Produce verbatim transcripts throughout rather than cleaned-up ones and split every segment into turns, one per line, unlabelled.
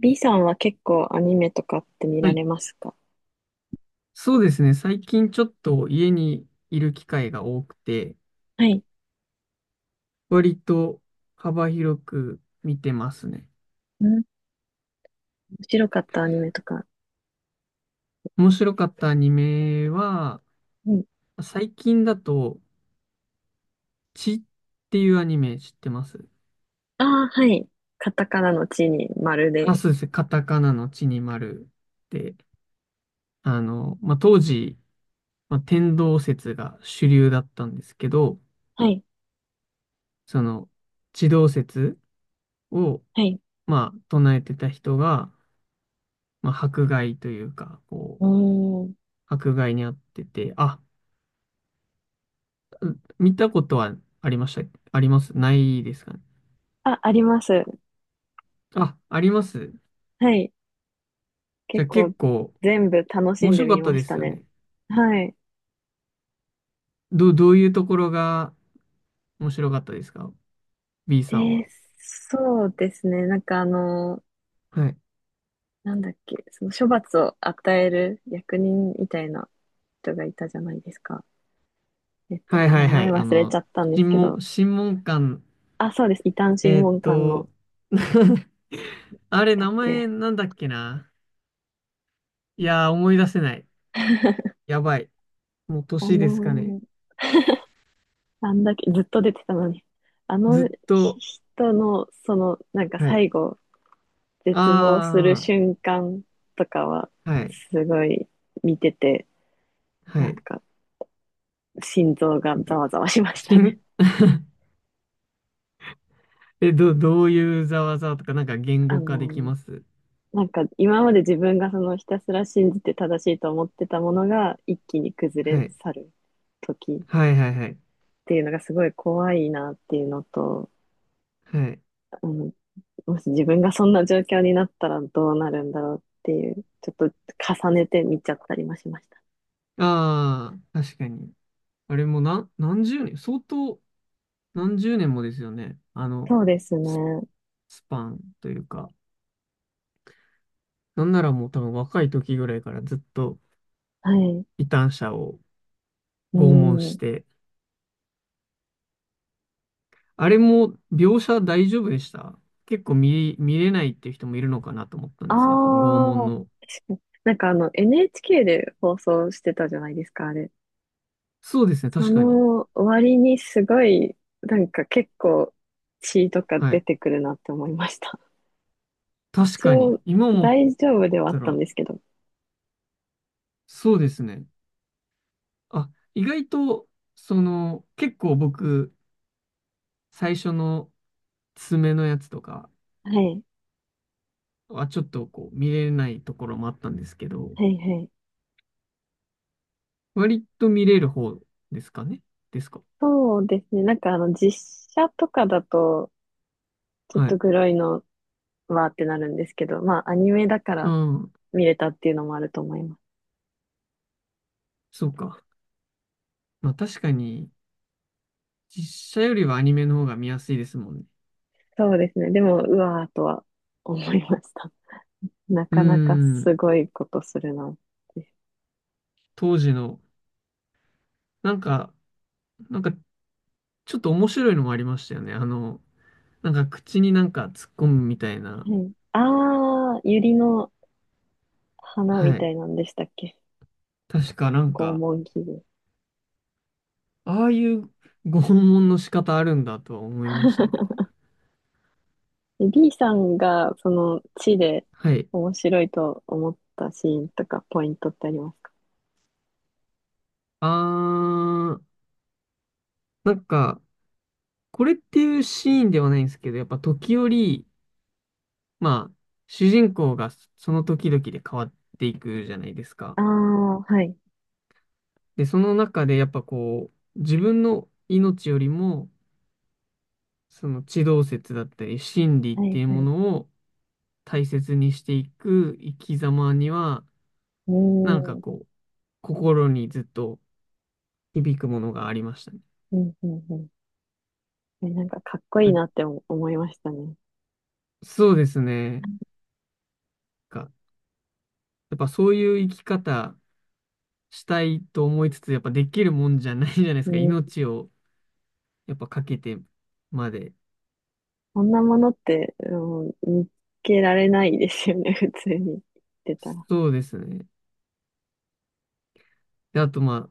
B さんは結構アニメとかって見
は
ら
い、
れますか？
そうですね。最近ちょっと家にいる機会が多くて、
はい。
割と幅広く見てますね。
うん、面白かったアニメとか。
面白かったアニメは、
うん。
最近だと、血っていうアニメ知ってます？
ああ、はい。カタカナの地に丸で。
あ、そうですね。カタカナの血に丸で、あの、まあ、当時、まあ、天動説が主流だったんですけど、
はい。
その、地動説を、
はい。
まあ、唱えてた人が、まあ、迫害というか、こう、
うーん。
迫害にあってて、あ、見たことはありました。ありますないですかね。
あ、あります。
あ、あります。
はい。
じゃ
結
あ
構
結構
全部楽し
面
んで
白か
み
った
ま
で
し
す
た
よ
ね。
ね。
はい。
ど、どういうところが面白かったですか？ B
え
さん
ー、
は。
そうですね。なんかあの、
はい。
なんだっけ、その処罰を与える役人みたいな人がいたじゃないですか。えっ
はい
と、
は
名
いは
前
い。あ
忘れちゃ
の、
ったんです
審
け
問、
ど。
審問官、
あ、そうです。異端審
えーっ
問官
と、
の。で
あ
し
れ、
たっ
名前
け？
なんだっけな。いやー、思い出せない。やばい。もう
あ
年
の
ですかね。
ーあんだけずっと出てたのに、あ
ず
の
っと、
人の、その、なんか
はい。
最後、絶望する
あ
瞬間とかは、
あ、はい、
すごい見てて、
は
なん
い。
か、心臓がざわざわしまし
し
たね。
ん え、ど、どういうざわざわとか、なんか 言
あ
語化
の
でき
ー
ます？
なんか今まで自分がそのひたすら信じて正しいと思ってたものが一気に崩
は
れ
い。
去る時っ
はいはいはい。
ていうのがすごい怖いなっていうのと、
はい。
あのもし自分がそんな状況になったらどうなるんだろうっていう、ちょっと重ねて見ちゃったりもしました。
ああ、確かに。あれもな、何十年、相当何十年もですよね。あの、
そうですね。
スパンというか。なんならもう多分若い時ぐらいからずっと
はい。
異端者を
う
拷問し
ん。
て。あれも描写大丈夫でした？結構見、見れないっていう人もいるのかなと思ったん
あ
ですね。この拷問
あ、
の。
確かに。なんかあの エヌエイチケー で放送してたじゃないですか、あれ。
そうですね、
そ
確かに。
の割にすごい、なんか結構血とか
は
出
い。
てくるなって思いました。
確
一
かに。
応
今思
大丈夫ではあ
た
ったん
ら、
ですけど。
そうですね。あ、意外と、その、結構僕、最初の爪のやつとか
はい。
はちょっとこう見れないところもあったんですけど、
はいはい。
割と見れる方ですかねですか？
そうですね。なんかあの実写とかだと、ちょっ
は
と
い。
グロいのわーってなるんですけど、まあ、アニメだか
う
ら
ん。
見れたっていうのもあると思います。
そうか。まあ確かに、実写よりはアニメの方が見やすいですもんね。
そうですね。でも、うわーとは思いました。な
う
かなか
ん。
すごいことするなって。
当時の、なんか、なんかちょっと面白いのもありましたよね。あの、なんか口になんか突っ込むみたいな。
はい。あー、ユリの花み
は
た
い。
いなんでしたっけ？
確かなん
拷
か、
問器具。
ああいうご訪問の仕方あるんだとは思いましたね。
で、 B さんが、その、地で
はい。
面白いと思ったシーンとか、ポイントってありますか？
あー、なんか、これっていうシーンではないんですけど、やっぱ時折、まあ、主人公がその時々で変わっていくじゃないですか。
ああー、はい。
で、その中でやっぱこう、自分の命よりも、その地動説だったり、真理っ
は
て
い、
いう
は
も
い。
のを大切にしていく生き様には、
う
なんか
ーん。
こう、心にずっと、響くものがありましたね。
うん、うん、うん。えなんか、かっこいいなって思思いましたね。
そうですね。かやっぱそういう生き方したいと思いつつ、やっぱできるもんじゃないじゃないですか。
う、
命をやっぱかけてまで。
こんなものって、うん、見つけられないですよね、普通に言ってたら。
そうですね。で、あとまあ、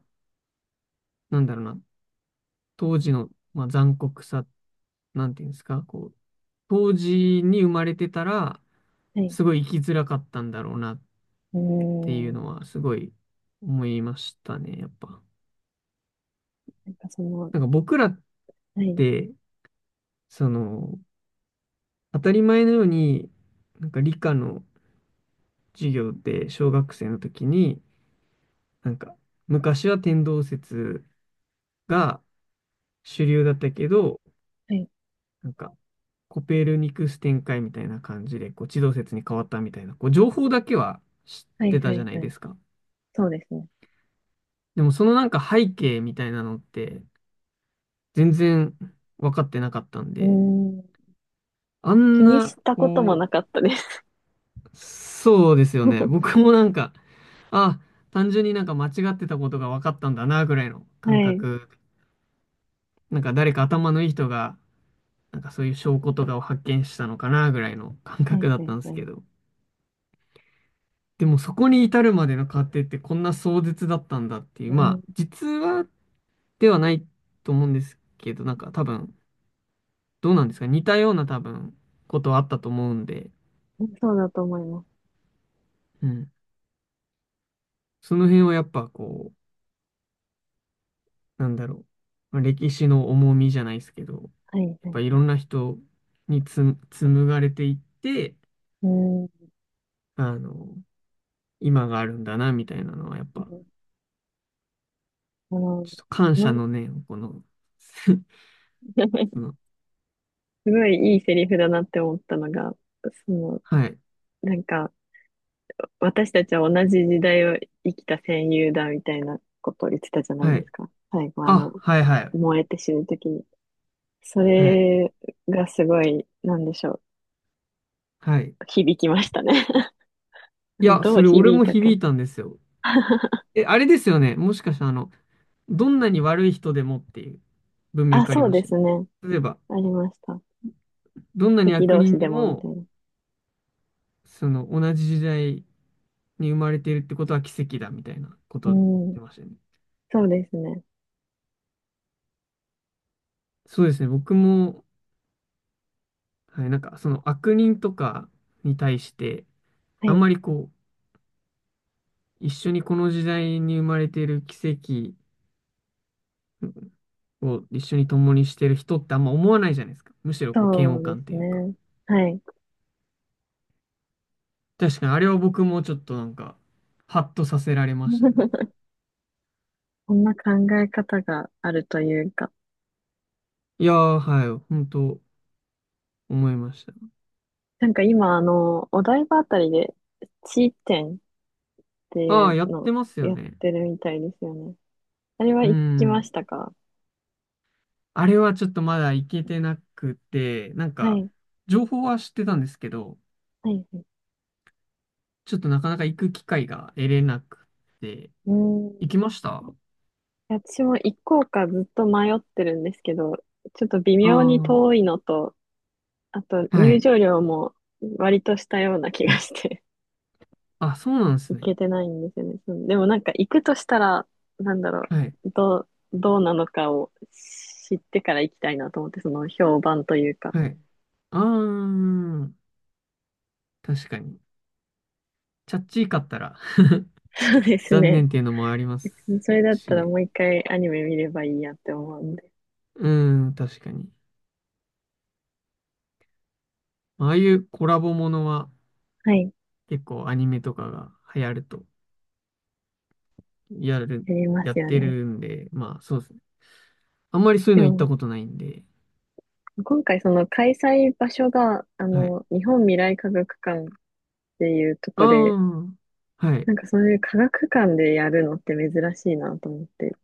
なんだろうな。当時の、まあ、残酷さ、なんていうんですか、こう、当時に生まれてたら、
はい。
すごい生きづらかったんだろうなっ
う
ていう
ーん。
のは、すごい思いましたね、やっぱ。
なんかその、
なんか僕らっ
はい、
て、その、当たり前のように、なんか理科の授業で小学生の時に、なんか昔は天動説が主流だったけど、
はい、
なんかコペルニクス展開みたいな感じで、こう地動説に変わったみたいな、こう情報だけは知っ
は
て
い、は
たじゃ
い、
ない
は
で
い。
すか。
そうですね。
でもそのなんか背景みたいなのって全然分かってなかったん
う
で、
ーん。
あ
気
ん
に
な、
したことも
こ
なかったです。
う、そうですよ ね。
は
僕もなんかあ、単純になんか間違ってたことが分かったんだな、ぐらいの感
い、
覚。なんか誰か頭のいい人が、なんかそういう証拠とかを発見したのかな、ぐらいの感
は
覚
い、
だっ
は
た
い、
んで
は
すけ
い。
ど。でもそこに至るまでの過程ってこんな壮絶だったんだってい
う
う、ま
ん、
あ、実話ではないと思うんですけど、なんか多分、どうなんですか似たような多分、ことはあったと思うんで、
そうだと思います。
うん。その辺はやっぱこう、なんだろう。まあ歴史の重みじゃないですけど、や
はい、は
っ
い、
ぱい
は
ろん
い。
な人につ紡がれていって、
うーん。
あの、今があるんだな、みたいなのは、やっぱ、
あの、
ちょっと感
ま
謝
す
の念を、この、その、
ごいいいセリフだなって思ったのが、その、
はい、
なんか、私たちは同じ時代を生きた戦友だみたいなことを言ってたじゃない
は
で
い、
すか。最後、あの、
あ、はい、はい、
燃えて死ぬときに。そ
はい、
れがすごい、なんでしょう。
はい。
響きましたね。
い や、
どう
それ俺
響い
も
た
響
か。
いたんですよ。え、あれですよね。もしかして、あの、どんなに悪い人でもっていう文
あ、
脈あり
そう
まし
で
たね。
すね。
例えば、
ありました。
どんなに
敵
悪
同
人
士
で
でもみた
も、
いな。
その、同じ時代に生まれているってことは奇跡だ、みたいなこ
う
と言っ
ん。
てましたね。
そうですね。
そうですね。僕も、はい、なんかその悪人とかに対して、
は
あん
い。
まりこう、一緒にこの時代に生まれている奇跡を一緒に共にしてる人ってあんま思わないじゃないですか。むしろこう、嫌
そ
悪
うで
感って
す
いうか。
ね。はい。
確かにあれは僕もちょっとなんか、ハッとさせられましたね。なんか
こんな考え方があるというか。
いやー、はい、本当思いました。
なんか今、あの、お台場あたりで、地点ってい
ああ、
う
やっ
の
て
を
ますよ
やっ
ね。
てるみたいですよね。あれは
う
行きま
ん。
したか？
あれはちょっとまだ行けてなくて、なん
は
か、
い。
情報は知ってたんですけど、
はい。
ちょっとなかなか行く機会が得れなくて、
うん。
行きましたあ？
私も行こうかずっと迷ってるんですけど、ちょっと微
あ
妙に
ー、
遠いのと、あと
は
入
い。
場料も割としたような気
は
が
い。
して
あ、そうなんで す
行
ね。
けてないんですよね。そう、でもなんか行くとしたら、なんだろ
はい。
う、どう、どうなのかを知ってから行きたいなと思って、その評判というか。
はい。ああ、確かに。チャッチーかったら
そうです
残
ね。
念っていうのもありま す
別にそれだった
し
ら
ね。
もう一回アニメ見ればいいやって思うんで。
うん、確かに。まああいうコラボものは
はい。
結構アニメとかが流行ると、やる、
やりま
や
す
っ
よ
て
ね。
るんで、まあそうですね。あんまりそういう
で
の行った
も、
ことないんで。
今回その開催場所が、あ
はい。
の、日本未来科学館っていうと
あ
こで、
あ、はい。
なんかそういう科学館でやるのって珍しいなと思って、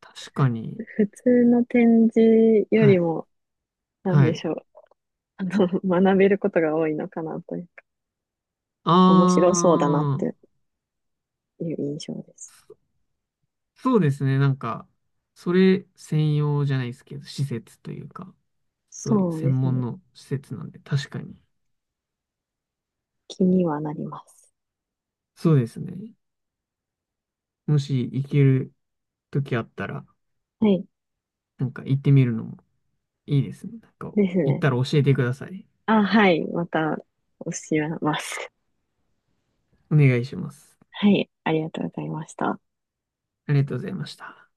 確かに。
普通の展示よ
は
り
い。
も、なん
は
で
い。
しょう、あの、学べることが多いのかなというか、面白そうだなっ
ああ、
ていう印象です。
そうですね。なんか、それ専用じゃないですけど、施設というか、そういう
そうで
専
す
門
ね。
の施設なんで、確かに。
気にはなります。
そうですね。もし行ける時あったら、
はい。
なんか行ってみるのもいいですね。なんか、
です
行っ
ね。
たら教えてください。
あ、はい。また、教えます。
お願いします。
はい。ありがとうございました。
ありがとうございました。